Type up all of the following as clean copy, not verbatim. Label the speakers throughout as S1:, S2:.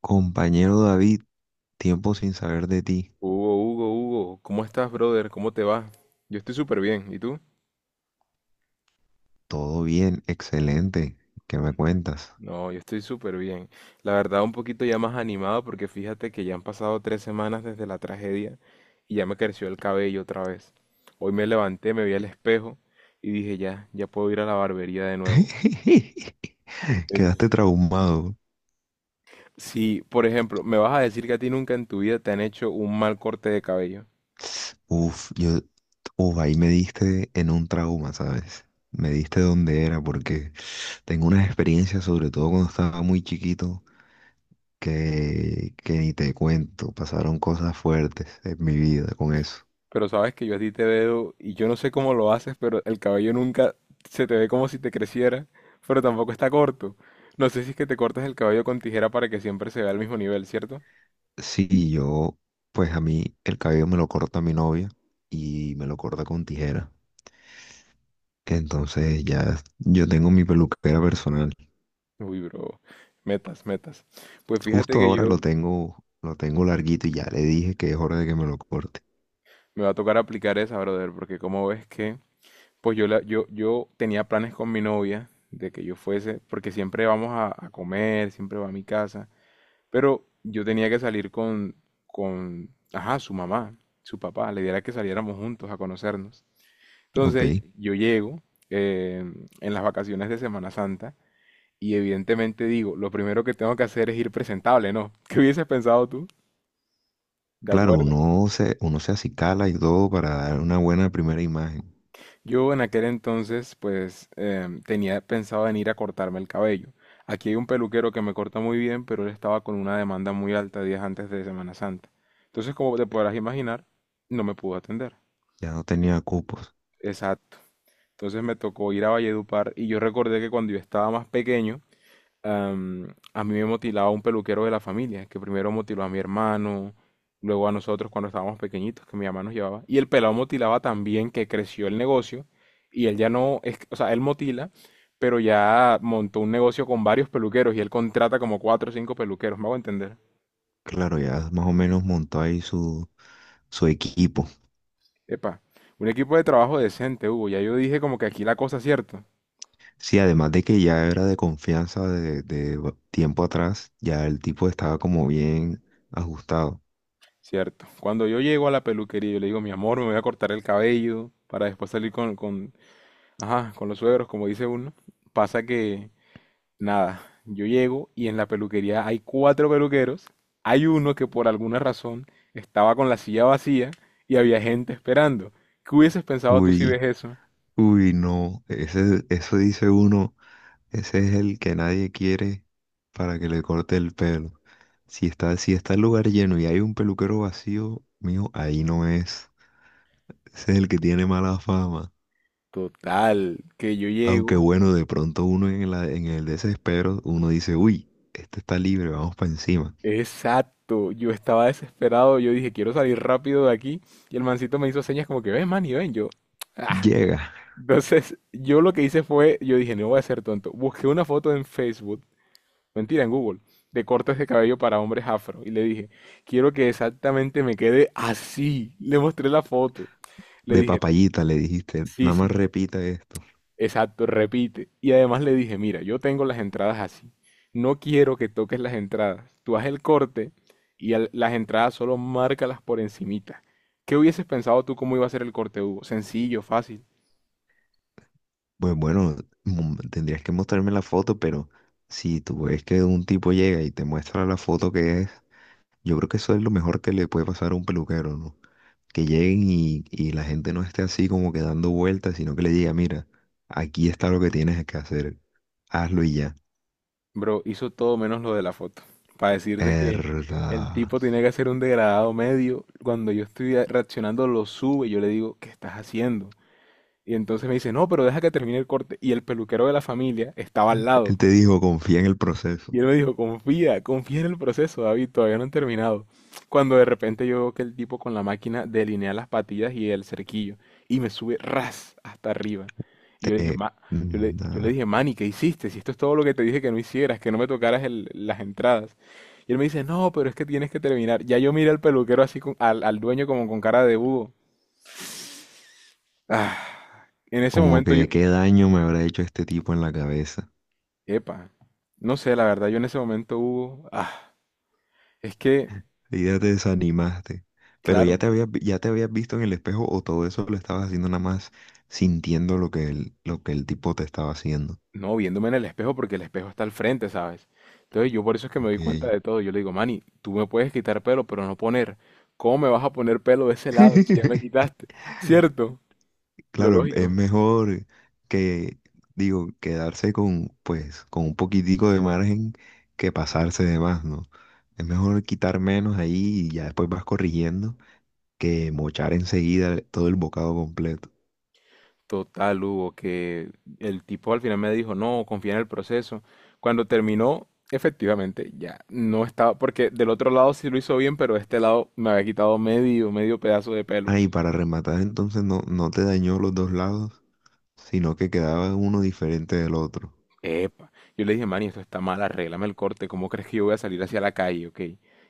S1: Compañero David, tiempo sin saber de ti.
S2: Hugo, Hugo, Hugo, ¿cómo estás, brother? ¿Cómo te va? Yo estoy súper bien, ¿y tú?
S1: Todo bien, excelente. ¿Qué me cuentas?
S2: No, yo estoy súper bien. La verdad, un poquito ya más animado porque fíjate que ya han pasado 3 semanas desde la tragedia y ya me creció el cabello otra vez. Hoy me levanté, me vi al espejo y dije, ya, ya puedo ir a la barbería de nuevo. En-
S1: Quedaste traumado.
S2: Sí, por ejemplo, ¿me vas a decir que a ti nunca en tu vida te han hecho un mal corte de cabello?
S1: Uf, yo, uf, ahí me diste en un trauma, ¿sabes? Me diste donde era, porque tengo unas experiencias, sobre todo cuando estaba muy chiquito, que ni te cuento. Pasaron cosas fuertes en mi vida con eso.
S2: Pero sabes que yo a ti te veo y yo no sé cómo lo haces, pero el cabello nunca se te ve como si te creciera, pero tampoco está corto. No sé si es que te cortas el cabello con tijera para que siempre se vea al mismo nivel, ¿cierto?
S1: Sí, yo, pues a mí el cabello me lo corta mi novia y me lo corta con tijera. Entonces ya yo tengo mi peluquera personal.
S2: Uy, bro, metas, metas. Pues fíjate
S1: Justo
S2: que
S1: ahora
S2: yo
S1: lo tengo larguito y ya le dije que es hora de que me lo corte.
S2: me va a tocar aplicar esa, brother, porque como ves que, pues yo tenía planes con mi novia de que yo fuese, porque siempre vamos a comer, siempre va a mi casa. Pero yo tenía que salir con, ajá, su mamá, su papá. La idea era que saliéramos juntos a conocernos.
S1: Ok.
S2: Entonces yo llego eh, en las vacaciones de Semana Santa y evidentemente digo, lo primero que tengo que hacer es ir presentable, ¿no? ¿Qué hubieses pensado tú? De
S1: Claro,
S2: acuerdo.
S1: uno se acicala y todo para dar una buena primera imagen.
S2: Yo en aquel entonces, pues, tenía pensado en ir a cortarme el cabello. Aquí hay un peluquero que me corta muy bien, pero él estaba con una demanda muy alta días antes de Semana Santa. Entonces, como te podrás imaginar, no me pudo atender.
S1: Ya no tenía cupos.
S2: Exacto. Entonces me tocó ir a Valledupar y yo recordé que cuando yo estaba más pequeño, a mí me motilaba un peluquero de la familia, que primero motiló a mi hermano, luego a nosotros cuando estábamos pequeñitos, que mi mamá nos llevaba. Y el pelado motilaba también, que creció el negocio, y él ya no, es, o sea, él motila, pero ya montó un negocio con varios peluqueros y él contrata como 4 o 5 peluqueros, me hago entender.
S1: Claro, ya más o menos montó ahí su equipo.
S2: Epa, un equipo de trabajo decente, Hugo, ya yo dije como que aquí la cosa es cierta.
S1: Sí, además de que ya era de confianza de tiempo atrás, ya el tipo estaba como bien ajustado.
S2: Cierto. Cuando yo llego a la peluquería, yo le digo, mi amor, me voy a cortar el cabello para después salir con, ajá, con los suegros, como dice uno. Pasa que, nada, yo llego y en la peluquería hay cuatro peluqueros. Hay uno que por alguna razón estaba con la silla vacía y había gente esperando. ¿Qué hubieses pensado tú si ves
S1: Uy,
S2: eso?
S1: uy, no. Ese, eso dice uno. Ese es el que nadie quiere para que le corte el pelo. Si está el lugar lleno y hay un peluquero vacío, mijo ahí no es. Ese es el que tiene mala fama.
S2: Total, que yo
S1: Aunque
S2: llego.
S1: bueno, de pronto uno en el desespero, uno dice, uy, este está libre, vamos para encima.
S2: Exacto, yo estaba desesperado, yo dije, quiero salir rápido de aquí. Y el mancito me hizo señas como que, ven, man, y ven, yo.
S1: Llega,
S2: Entonces, yo lo que hice fue, yo dije, no voy a ser tonto. Busqué una foto en Facebook, mentira, en Google, de cortes de cabello para hombres afro. Y le dije, quiero que exactamente me quede así. Le mostré la foto. Le
S1: de
S2: dije,
S1: papayita le dijiste,
S2: sí,
S1: nada más
S2: sí,
S1: repita esto.
S2: exacto, repite. Y además le dije, mira, yo tengo las entradas así. No quiero que toques las entradas. Tú haz el corte y las entradas solo márcalas por encimita. ¿Qué hubieses pensado tú cómo iba a ser el corte, Hugo? Sencillo, fácil.
S1: Pues bueno, tendrías que mostrarme la foto, pero si tú ves que un tipo llega y te muestra la foto que es, yo creo que eso es lo mejor que le puede pasar a un peluquero, ¿no? Que lleguen y la gente no esté así como que dando vueltas, sino que le diga, mira, aquí está lo que tienes que hacer, hazlo y ya.
S2: Bro, hizo todo menos lo de la foto. Para decirte que el
S1: Verdad.
S2: tipo tenía que hacer un degradado medio. Cuando yo estoy reaccionando, lo sube. Y yo le digo, ¿qué estás haciendo? Y entonces me dice, no, pero deja que termine el corte. Y el peluquero de la familia estaba al
S1: Él
S2: lado.
S1: te dijo, confía en el proceso.
S2: Y él me dijo, confía en el proceso, David, todavía no han terminado. Cuando de repente yo veo que el tipo con la máquina delinea las patillas y el cerquillo y me sube ras hasta arriba. Y yo le dije,
S1: Te-
S2: yo le,
S1: mm,
S2: yo le
S1: ah,
S2: dije, Manny, ¿qué hiciste? Si esto es todo lo que te dije que no hicieras, que no me tocaras las entradas. Y él me dice, no, pero es que tienes que terminar. Ya yo miré al peluquero así, al dueño como con cara de búho. Ah, en ese
S1: Como
S2: momento yo,
S1: que qué daño me habrá hecho este tipo en la cabeza.
S2: epa, no sé, la verdad, yo en ese momento, Hugo, es que,
S1: Y ya te desanimaste. Pero ya
S2: claro.
S1: te habías, ya te habías visto en el espejo o todo eso lo estabas haciendo nada más sintiendo lo que lo que el tipo te estaba haciendo.
S2: No, viéndome en el espejo porque el espejo está al frente, ¿sabes? Entonces yo por eso es que me doy
S1: Ok.
S2: cuenta de todo. Yo le digo, Manny, tú me puedes quitar pelo, pero no poner. ¿Cómo me vas a poner pelo de ese lado si ya me quitaste? ¿Cierto? Lo
S1: Claro, es
S2: lógico.
S1: mejor que, digo, quedarse con, pues, con un poquitico de margen que pasarse de más, ¿no? Es mejor quitar menos ahí y ya después vas corrigiendo que mochar enseguida todo el bocado completo.
S2: Total, Hugo, que el tipo al final me dijo, no, confía en el proceso. Cuando terminó, efectivamente, ya no estaba, porque del otro lado sí lo hizo bien, pero de este lado me había quitado medio pedazo de pelo.
S1: Ah, y para rematar entonces no, no te dañó los dos lados, sino que quedaba uno diferente del otro.
S2: Epa. Yo le dije, Manny, esto está mal, arréglame el corte. ¿Cómo crees que yo voy a salir hacia la calle, ok?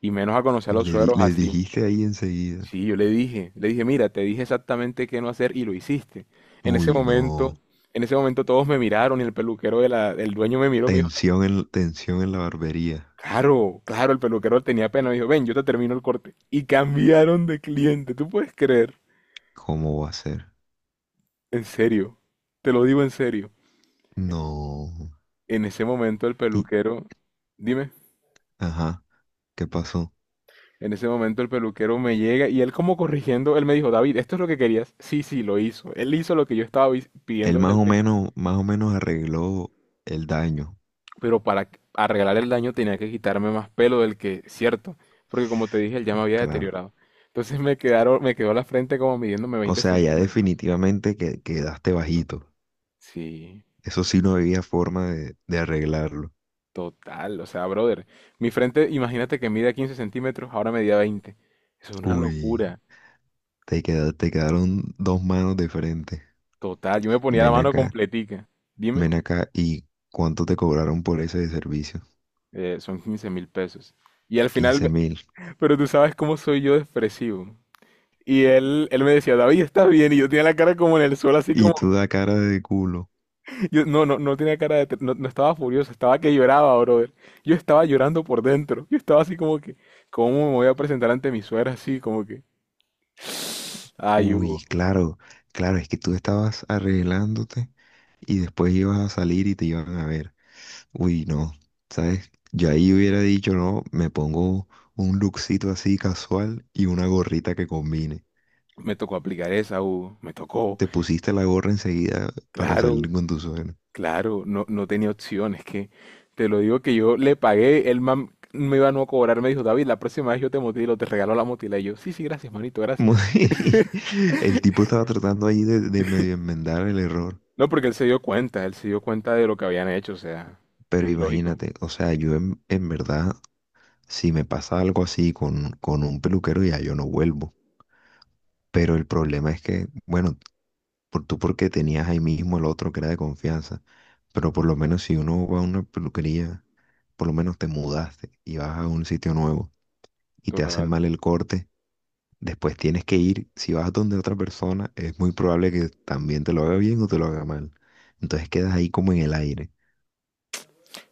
S2: Y menos a conocer a los sueros
S1: Le
S2: así.
S1: dijiste ahí enseguida.
S2: Sí, yo le dije, mira, te dije exactamente qué no hacer y lo hiciste. En ese
S1: Uy, no.
S2: momento, en ese momento todos me miraron y el peluquero de la, el dueño me miró, me dijo,
S1: Tensión en la barbería.
S2: claro, claro, el peluquero tenía pena, me dijo, ven, yo te termino el corte. Y cambiaron de cliente, ¿tú puedes creer?
S1: ¿Cómo va a ser?
S2: En serio, te lo digo en serio.
S1: No.
S2: En ese momento el
S1: Y,
S2: peluquero, dime.
S1: ajá. ¿Qué pasó?
S2: En ese momento el peluquero me llega y él como corrigiendo, él me dijo, David, ¿esto es lo que querías? Sí, sí, lo hizo. Él hizo lo que yo estaba pidiendo
S1: Él
S2: desde el principio.
S1: más o menos arregló el daño,
S2: Pero para arreglar el daño tenía que quitarme más pelo del que, cierto, porque como te dije, él ya me había
S1: claro.
S2: deteriorado. Entonces me quedó la frente como midiéndome
S1: O
S2: veinte
S1: sea, ya
S2: centímetros.
S1: definitivamente que quedaste bajito.
S2: Sí,
S1: Eso sí no había forma de arreglarlo.
S2: total. O sea, brother, mi frente, imagínate que mide 15 centímetros, ahora medía 20. Eso es una
S1: Uy,
S2: locura.
S1: te quedaron dos manos de frente.
S2: Total, yo me ponía la
S1: Ven
S2: mano
S1: acá,
S2: completica. Dime,
S1: ven acá. ¿Y cuánto te cobraron por ese de servicio?
S2: son 15.000 pesos. Y al
S1: 15
S2: final,
S1: mil.
S2: pero tú sabes cómo soy yo de expresivo. Y él me decía, David, ¿estás bien? Y yo tenía la cara como en el suelo, así
S1: Y
S2: como...
S1: tú da cara de culo.
S2: Yo, no, no, no tenía cara de... No, no estaba furioso, estaba que lloraba, brother. Yo estaba llorando por dentro. Yo estaba así como que... ¿Cómo me voy a presentar ante mi suegra? Así como que... Ay, Hugo,
S1: Uy, claro, claro, es que tú estabas arreglándote y después ibas a salir y te iban a ver. Uy, no, ¿sabes? Yo ahí hubiera dicho, no, me pongo un lookcito así casual y una gorrita que combine.
S2: me tocó aplicar esa, Hugo. Me tocó.
S1: Te pusiste la gorra enseguida para
S2: Claro,
S1: salir con tu suena.
S2: claro. No, no tenía opción. Es que te lo digo que yo le pagué. El man me iba a no cobrar. Me dijo, David, la próxima vez yo te motilo, te regalo la motila. Y yo, sí, sí, gracias, manito,
S1: Como
S2: gracias.
S1: el tipo estaba tratando ahí de medio enmendar el error,
S2: No, porque él se dio cuenta, él se dio cuenta de lo que habían hecho, o sea,
S1: pero
S2: es lógico,
S1: imagínate, o sea, yo en verdad, si me pasa algo así con un peluquero, ya yo no vuelvo. Pero el problema es que, bueno, por, tú porque tenías ahí mismo el otro que era de confianza, pero por lo menos si uno va a una peluquería por lo menos te mudaste y vas a un sitio nuevo y te hacen
S2: total.
S1: mal el corte, después tienes que ir, si vas donde otra persona, es muy probable que también te lo haga bien o te lo haga mal. Entonces quedas ahí como en el aire.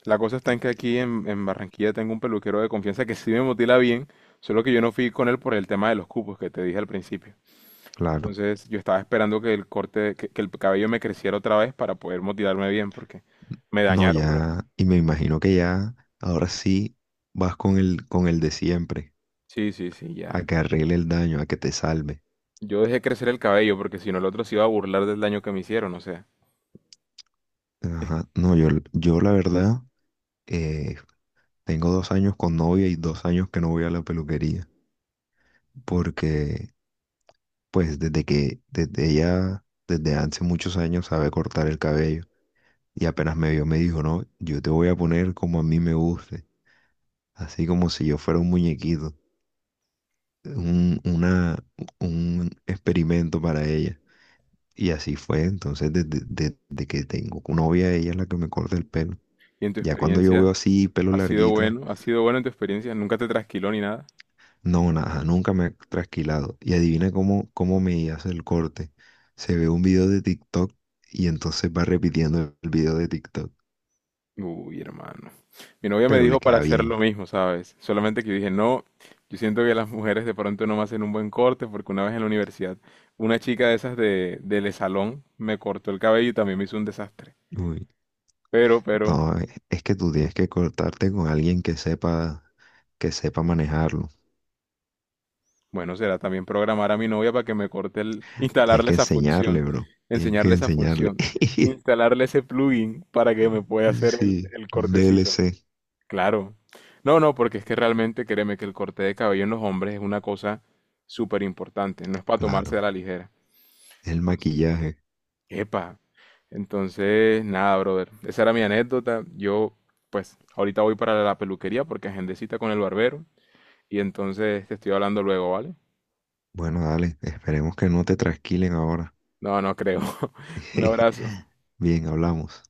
S2: La cosa está en que aquí en Barranquilla tengo un peluquero de confianza que sí me motila bien, solo que yo no fui con él por el tema de los cupos que te dije al principio.
S1: Claro.
S2: Entonces yo estaba esperando que el corte, que el cabello me creciera otra vez para poder motilarme bien, porque me
S1: No,
S2: dañaron, bro.
S1: ya, y me imagino que ya, ahora sí vas con con el de siempre,
S2: Sí, sí, sí, ya.
S1: a que arregle el daño, a que te salve.
S2: Yo dejé crecer el cabello porque si no el otro se iba a burlar del daño que me hicieron, o sea.
S1: Ajá. No, yo la verdad, eh, tengo 2 años con novia y 2 años que no voy a la peluquería, porque pues desde ella, desde hace muchos años sabe cortar el cabello y apenas me vio me dijo, no, yo te voy a poner como a mí me guste, así como si yo fuera un muñequito, un, una, un experimento para ella. Y así fue, entonces desde que tengo novia, ella es la que me corta el pelo.
S2: Y en tu
S1: Ya cuando yo veo
S2: experiencia,
S1: así pelo
S2: ¿ha sido
S1: larguito,
S2: bueno? ¿Ha sido bueno en tu experiencia? ¿Nunca te trasquiló ni nada?
S1: no, nada, nunca me ha trasquilado. Y adivina cómo, cómo me hace el corte. Se ve un video de TikTok y entonces va repitiendo el video de TikTok,
S2: Uy, hermano. Mi novia me
S1: pero le
S2: dijo para
S1: queda
S2: hacer
S1: bien.
S2: lo mismo, ¿sabes? Solamente que yo dije, no, yo siento que las mujeres de pronto no me hacen un buen corte porque una vez en la universidad una chica de esas del salón me cortó el cabello y también me hizo un desastre.
S1: Uy.
S2: Pero,
S1: No, es que tú tienes que cortarte con alguien que sepa manejarlo.
S2: bueno, será también programar a mi novia para que me corte el,
S1: Tienes
S2: instalarle
S1: que
S2: esa
S1: enseñarle,
S2: función,
S1: bro. Tienes que
S2: enseñarle esa
S1: enseñarle.
S2: función, instalarle ese plugin para que me pueda hacer
S1: Sí,
S2: el
S1: un
S2: cortecito.
S1: DLC,
S2: Claro. No, no, porque es que realmente créeme que el corte de cabello en los hombres es una cosa súper importante, no es para tomarse
S1: claro.
S2: a la ligera.
S1: El
S2: Entonces,
S1: maquillaje.
S2: epa. Entonces, nada, brother. Esa era mi anécdota. Yo, pues, ahorita voy para la peluquería porque agendé cita con el barbero y entonces te estoy hablando luego, ¿vale?
S1: Bueno, dale, esperemos que no te trasquilen ahora.
S2: No, no creo. Un abrazo.
S1: Bien, hablamos.